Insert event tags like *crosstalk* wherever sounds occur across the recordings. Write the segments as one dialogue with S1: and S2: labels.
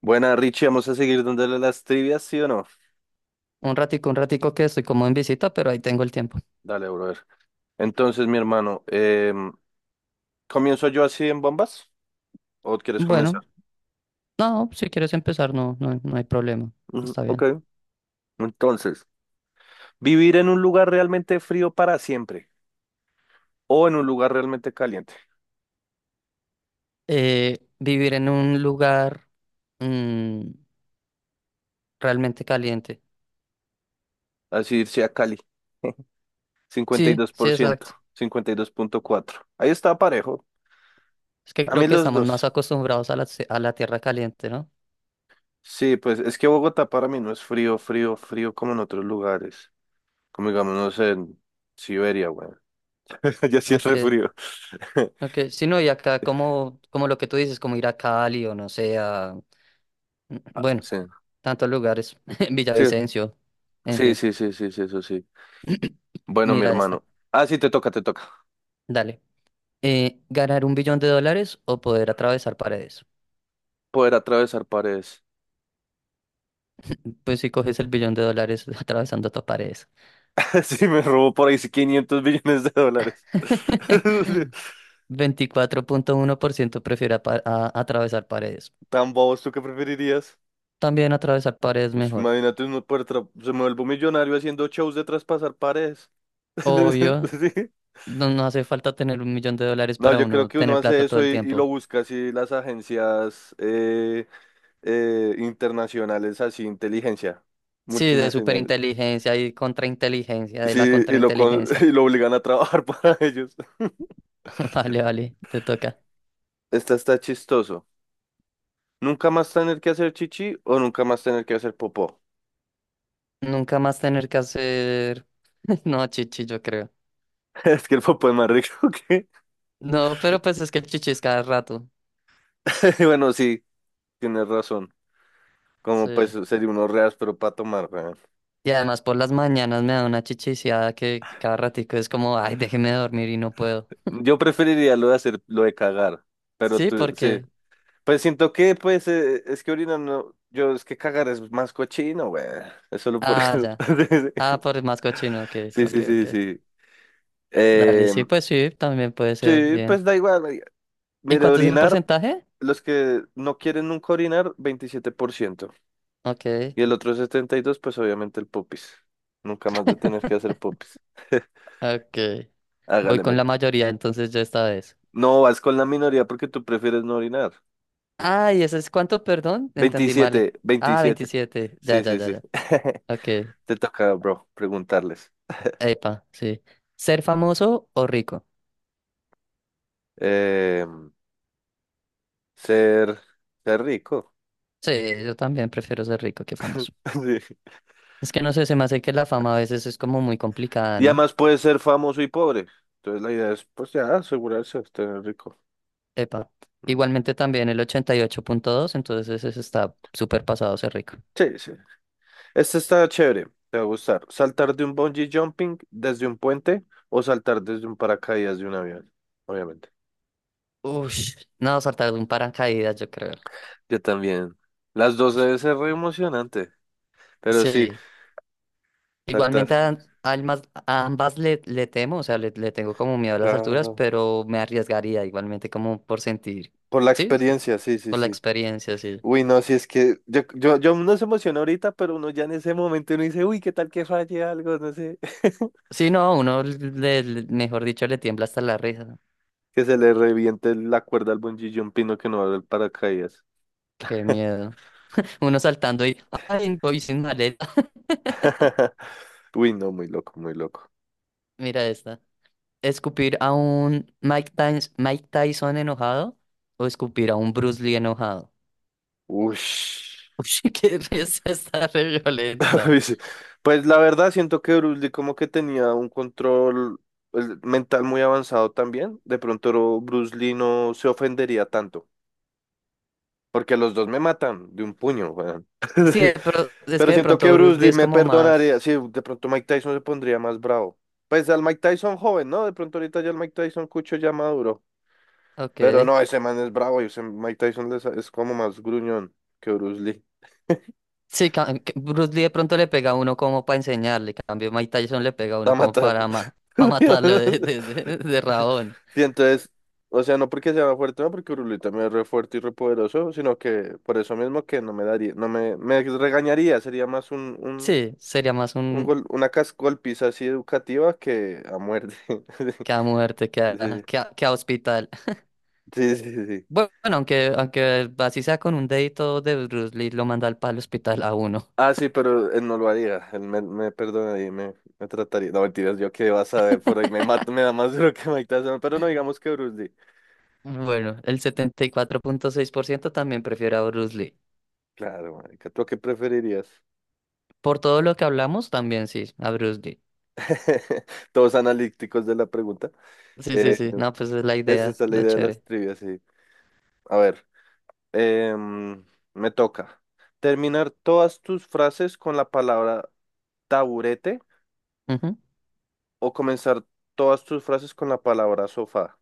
S1: Buena, Richie, vamos a seguir dándole las trivias, ¿sí o no?
S2: Un ratico que estoy como en visita, pero ahí tengo el tiempo.
S1: Dale, brother. Entonces, mi hermano, ¿comienzo yo así en bombas? ¿O quieres comenzar?
S2: Bueno, no, si quieres empezar, no, no, no hay problema.
S1: Ujú,
S2: Está
S1: ok.
S2: bien.
S1: Entonces, ¿vivir en un lugar realmente frío para siempre o en un lugar realmente caliente?
S2: Vivir en un lugar mm, realmente caliente.
S1: Así irse a Cali. *laughs* Cincuenta y
S2: Sí,
S1: dos
S2: sí,
S1: por ciento,
S2: exacto.
S1: 52,4. Ahí está parejo.
S2: Es que
S1: A
S2: creo
S1: mí
S2: que
S1: los
S2: estamos más
S1: dos.
S2: acostumbrados a la tierra caliente, ¿no?
S1: Sí, pues es que Bogotá para mí no es frío, frío, frío como en otros lugares. Como digamos, no sé, en Siberia, güey. *laughs* Ya sí es
S2: Ok,
S1: re frío. *laughs*
S2: ok. Sí, no, y acá como lo que tú dices, como ir a Cali o no sé, bueno,
S1: Sí,
S2: tantos lugares, *laughs*
S1: sí,
S2: Villavicencio, en
S1: sí,
S2: fin.
S1: sí, sí, sí, sí, eso sí. Bueno, mi
S2: Mira esta,
S1: hermano. Ah, sí, te toca, te toca.
S2: dale. ¿Ganar un billón de dólares o poder atravesar paredes? *clears throat*
S1: Poder atravesar paredes.
S2: *laughs* Pues si coges el billón de dólares *laughs* atravesando tus paredes.
S1: *laughs* Sí, me robó por ahí 500 billones de dólares. *laughs*
S2: *laughs* 24,1% prefiere atravesar paredes.
S1: Tan bobos, ¿tú qué preferirías?
S2: También atravesar paredes
S1: Pues
S2: mejor.
S1: imagínate uno poder se me vuelve millonario haciendo shows de traspasar paredes. *laughs*
S2: Obvio,
S1: Sí.
S2: no, no hace falta tener un millón de dólares
S1: No,
S2: para
S1: yo creo
S2: uno
S1: que uno
S2: tener
S1: hace
S2: plata todo
S1: eso
S2: el
S1: y lo
S2: tiempo.
S1: busca así las agencias internacionales, así inteligencia
S2: Sí, de
S1: multinacional.
S2: superinteligencia y contrainteligencia, de la
S1: Sí, y *laughs*
S2: contrainteligencia.
S1: y lo obligan a trabajar *laughs* para ellos.
S2: *laughs* Vale, vale, te toca.
S1: Esta está chistoso. ¿Nunca más tener que hacer chichi o nunca más tener que hacer popó?
S2: Nunca más tener que hacer. *laughs* No, chichi, yo creo.
S1: *laughs* Es que el popó es más rico que...
S2: No, pero pues es que el chichi es cada rato.
S1: *laughs* Bueno, sí, tienes razón.
S2: Sí.
S1: Como pues sería unos reas, pero para tomar, weón.
S2: Y además por las mañanas me da una chichiciada que cada ratico es como, ay, déjeme dormir y no puedo.
S1: Yo preferiría lo de hacer, lo de cagar. Pero
S2: Sí,
S1: tú, sí.
S2: porque.
S1: Pues siento que, pues, es que orinar no... Yo, es que cagar es más cochino, güey. Es solo por
S2: Ah,
S1: eso.
S2: ya. Ah,
S1: *laughs*
S2: por el más cochino, ok,
S1: Sí,
S2: ok,
S1: sí, sí,
S2: ok.
S1: sí.
S2: Dale,
S1: Eh,
S2: sí, pues sí, también puede ser,
S1: sí,
S2: bien.
S1: pues da igual, marica.
S2: ¿Y
S1: Mire,
S2: cuánto es el
S1: orinar...
S2: porcentaje?
S1: Los que no quieren nunca orinar, 27%.
S2: Ok,
S1: Y el otro 72 pues obviamente el popis. Nunca más de tener que hacer popis. *laughs*
S2: ok. Voy
S1: Hágale,
S2: con
S1: met.
S2: la mayoría, entonces yo esta vez.
S1: No, vas con la minoría porque tú prefieres no orinar.
S2: Ah, ¿y eso es cuánto, perdón? Entendí mal.
S1: Veintisiete,
S2: Ah,
S1: veintisiete.
S2: 27. Ya,
S1: Sí,
S2: ya,
S1: sí,
S2: ya,
S1: sí.
S2: ya.
S1: *laughs*
S2: Ok.
S1: Te toca, bro, preguntarles.
S2: Epa, sí. ¿Ser famoso o rico?
S1: Eh, ser, ser rico.
S2: Sí, yo también prefiero ser rico que famoso.
S1: *laughs* Sí.
S2: Es que no sé, se me hace que la fama a veces es como muy complicada,
S1: Y
S2: ¿no?
S1: además puedes ser famoso y pobre. Entonces la idea es, pues ya, asegurarse de estar rico.
S2: Epa.
S1: Mm.
S2: Igualmente también el 88,2, entonces ese está súper pasado ser rico.
S1: Sí, sí. Este está chévere, te va a gustar. Saltar de un bungee jumping desde un puente o saltar desde un paracaídas de un avión, obviamente.
S2: Ush, no, saltar de un paracaídas, yo creo.
S1: Yo también. Las dos
S2: Ush,
S1: debe
S2: qué
S1: ser re
S2: locura.
S1: emocionante, pero sí,
S2: Sí,
S1: saltar,
S2: igualmente a ambas le temo, o sea, le tengo como miedo a las alturas,
S1: claro.
S2: pero me arriesgaría igualmente como por sentir,
S1: Por la
S2: sí, es como
S1: experiencia, sí, sí,
S2: por la
S1: sí.
S2: experiencia, sí.
S1: Uy, no, si es que yo uno se emociona ahorita, pero uno ya en ese momento uno dice, uy, qué tal que falle algo, no sé, *laughs*
S2: Sí, no, uno, mejor dicho, le tiembla hasta la risa, ¿no?
S1: que se le reviente la cuerda al bungee jumping o que no abra el paracaídas.
S2: Qué miedo. Uno saltando y, ay, voy sin maleta. *laughs*
S1: *laughs* Uy, no, muy loco, muy loco.
S2: Mira esta. ¿Escupir a un Mike Tyson enojado o escupir a un Bruce Lee enojado?
S1: Ush.
S2: *laughs* Uy, qué risa está re
S1: *laughs*
S2: violenta.
S1: Pues pues la verdad siento que Bruce Lee como que tenía un control, pues, mental muy avanzado también. De pronto Bruce Lee no se ofendería tanto, porque los dos me matan de un puño, weón.
S2: Sí,
S1: *laughs*
S2: pero es
S1: Pero
S2: que de
S1: siento que
S2: pronto Bruce
S1: Bruce
S2: Lee
S1: Lee
S2: es
S1: me
S2: como
S1: perdonaría. Sí,
S2: más.
S1: de pronto Mike Tyson se pondría más bravo. Pues al Mike Tyson joven, ¿no? De pronto ahorita ya el Mike Tyson cucho ya maduro. Pero
S2: Ok.
S1: no, ese man es bravo y ese Mike Tyson es como más gruñón que Bruce Lee.
S2: Sí, que Bruce Lee de pronto le pega a uno como para enseñarle. En cambio, Mike Tyson le pega a
S1: La
S2: uno como
S1: mata.
S2: para, para matarlo
S1: *laughs*
S2: de rabón.
S1: Sí, entonces, o sea, no porque sea más fuerte, no porque Uruli también es re fuerte y re poderoso, sino que por eso mismo que no me daría, no me regañaría, sería más un, un,
S2: Sí, sería más
S1: un
S2: un
S1: gol, una cas- golpiza así educativa que a muerte.
S2: que
S1: *laughs*
S2: a muerte que a,
S1: Sí,
S2: que a que a hospital.
S1: sí, sí, sí.
S2: Bueno, aunque así sea con un dedito de Bruce Lee, lo manda al palo hospital a uno. *laughs*
S1: Ah, sí, pero él no lo haría, él me perdonaría y me trataría. No, mentiras, yo qué vas a ver, por ahí me mato, me da más *laughs* duro que Mike Tyson, pero no digamos que Bruce Lee.
S2: Bueno, el 74,6% también prefiere a Bruce Lee.
S1: Claro, marica, ¿tú qué preferirías?
S2: Por todo lo que hablamos, también sí, a Bruce Lee.
S1: *laughs* Todos analíticos de la pregunta.
S2: Sí, sí,
S1: Eh,
S2: sí. No, pues es la
S1: Esa
S2: idea,
S1: es la
S2: lo
S1: idea de las
S2: chévere.
S1: trivias, sí. A ver, em, me toca. Terminar todas tus frases con la palabra taburete
S2: Ujú.
S1: o comenzar todas tus frases con la palabra sofá.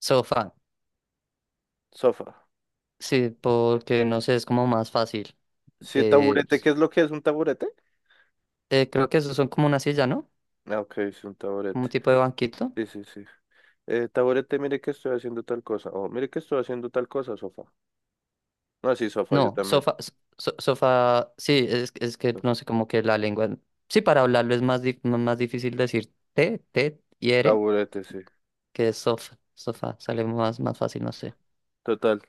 S2: Sofá.
S1: Sofá.
S2: Sí, porque no sé, es como más fácil.
S1: Sí,
S2: De,
S1: taburete, ¿qué es lo que es un taburete?
S2: creo que esos son como una silla, ¿no?
S1: Ah, ok, es un
S2: Como
S1: taburete.
S2: un tipo de banquito.
S1: Sí, sí, sí. Taburete, mire que estoy haciendo tal cosa. O mire que estoy haciendo tal cosa, sofá. No, sí, sofá, yo
S2: No,
S1: también.
S2: sofá, sofá, sí, es que no sé cómo que la lengua. Sí, para hablarlo es más, más difícil decir te, te y ere
S1: Taburete, sí.
S2: que es sofá, sofá, sale más, más fácil, no sé.
S1: Total.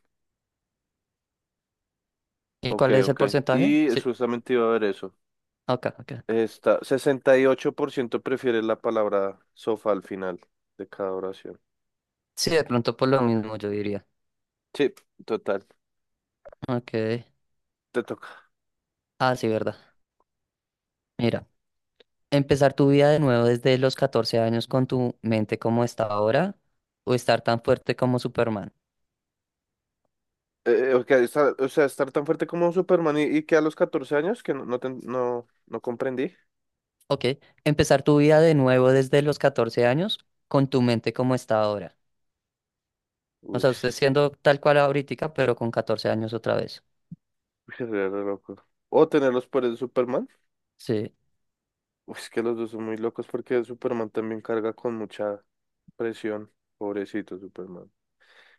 S2: ¿Y
S1: Ok,
S2: cuál es el
S1: ok.
S2: porcentaje?
S1: Y
S2: Sí,
S1: justamente iba a ver eso.
S2: ok, ok.
S1: Está, 68% prefiere la palabra sofá al final de cada oración.
S2: Sí, de pronto por lo mismo yo diría.
S1: Sí, total,
S2: Ok,
S1: te toca.
S2: ah, sí, verdad. Mira, empezar tu vida de nuevo desde los 14 años con tu mente como está ahora o estar tan fuerte como Superman.
S1: Ok, o sea, estar tan fuerte como un Superman y que a los 14 años que no, no comprendí.
S2: Ok, empezar tu vida de nuevo desde los 14 años con tu mente como está ahora. O
S1: Uy,
S2: sea,
S1: *laughs*
S2: usted siendo tal cual ahorita, pero con 14 años otra vez.
S1: es re loco. O tener los poderes de Superman.
S2: Sí. *laughs*
S1: Uy, es que los dos son muy locos porque Superman también carga con mucha presión. Pobrecito Superman.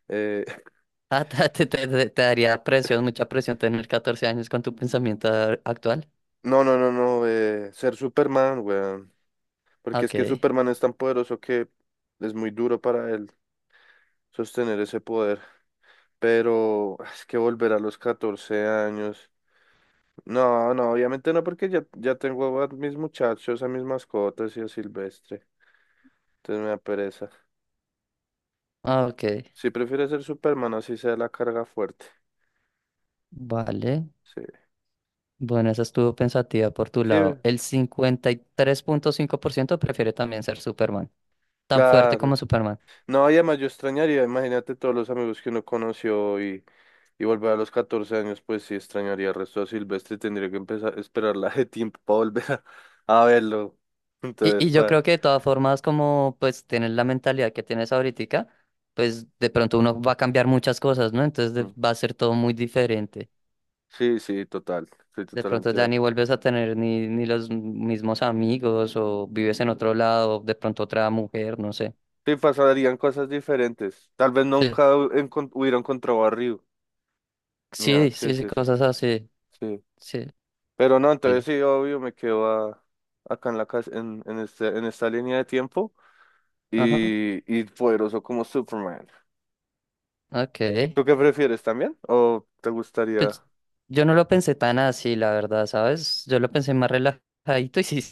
S1: Eh, *laughs*
S2: Ah, te daría presión, mucha presión tener 14 años con tu pensamiento actual.
S1: no, no, no, no. Ser Superman, weón.
S2: Ah,
S1: Porque es
S2: ok.
S1: que Superman es tan poderoso que es muy duro para él sostener ese poder. Pero es que volver a los 14 años. No, no, obviamente no, porque ya, tengo a mis muchachos, a mis mascotas y a Silvestre. Entonces me da pereza.
S2: Ah, ok,
S1: Sí, prefiero ser Superman, así sea la carga fuerte.
S2: vale.
S1: Sí,
S2: Bueno, esa estuvo pensativa por tu
S1: sí,
S2: lado. El 53,5% prefiere también ser Superman, tan fuerte como
S1: claro.
S2: Superman.
S1: No, y además yo extrañaría, imagínate todos los amigos que uno conoció y volver a los 14 años, pues sí extrañaría el resto de Silvestre, tendría que empezar a esperar la de tiempo para volver a, *laughs* a verlo.
S2: Y,
S1: Entonces,
S2: y yo creo que de todas formas, como pues tienes la mentalidad que tienes ahorita, pues de pronto uno va a cambiar muchas cosas, ¿no? Entonces
S1: mm.
S2: va a ser todo muy diferente.
S1: Sí, sí, total, estoy
S2: De pronto
S1: totalmente de
S2: ya ni
S1: acuerdo.
S2: vuelves a tener ni los mismos amigos o vives en otro lado, de pronto otra mujer, no sé.
S1: Sí, pasarían cosas diferentes. Tal vez
S2: Sí,
S1: nunca hubiera encontrado a Ryu. Ya,
S2: sí,
S1: sí,
S2: sí, sí,
S1: sí, sí,
S2: cosas así.
S1: sí.
S2: Sí,
S1: Pero no, entonces
S2: vale.
S1: sí, obvio, me quedo acá en la casa, en esta línea de tiempo
S2: Ajá,
S1: y poderoso como Superman.
S2: ok.
S1: ¿Tú qué prefieres también? ¿O te gustaría?
S2: Pues yo no lo pensé tan así, la verdad, ¿sabes? Yo lo pensé más relajadito y sí,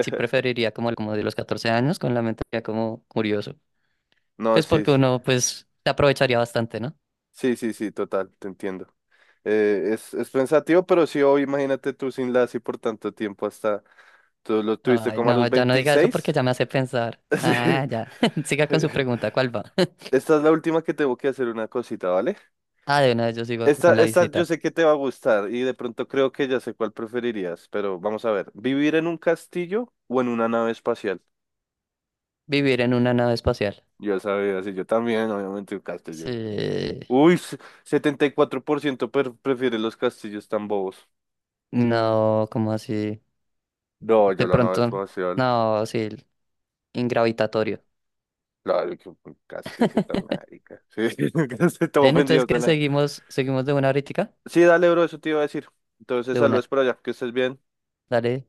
S2: sí preferiría como, como de los 14 años con la mente ya como curioso.
S1: No,
S2: Pues
S1: sí,
S2: porque
S1: sí.
S2: uno, pues, se aprovecharía bastante, ¿no?
S1: Sí, sí, sí, total, te entiendo. Es pensativo, pero sí, hoy imagínate tú sin la así por tanto tiempo hasta, tú lo tuviste
S2: Ay,
S1: como a
S2: no,
S1: los
S2: ya no diga eso porque
S1: 26.
S2: ya me hace pensar.
S1: *laughs*
S2: Ah,
S1: Sí.
S2: ya. *laughs* Siga con su pregunta, ¿cuál va?
S1: Esta es la última que tengo que hacer una cosita, ¿vale?
S2: Ah, de una vez yo sigo acá
S1: Esta,
S2: con la
S1: esta yo
S2: visita.
S1: sé que te va a gustar y de pronto creo que ya sé cuál preferirías, pero vamos a ver, ¿vivir en un castillo o en una nave espacial?
S2: Vivir en una nave espacial.
S1: Yo sabía, sí, yo también, obviamente un castillo.
S2: Sí.
S1: Uy, 74% prefiere los castillos tan bobos.
S2: No, ¿como así?
S1: No, yo
S2: De
S1: la nave
S2: pronto,
S1: espacial.
S2: no, sí, ingravitatorio.
S1: Claro, que un castillo tan marica. Sí, *laughs* estoy
S2: Bien, entonces
S1: ofendido con
S2: que
S1: la...
S2: seguimos de una ahorita,
S1: Sí, dale, bro, eso te iba a decir. Entonces,
S2: de una.
S1: saludos por allá, que estés bien.
S2: Dale.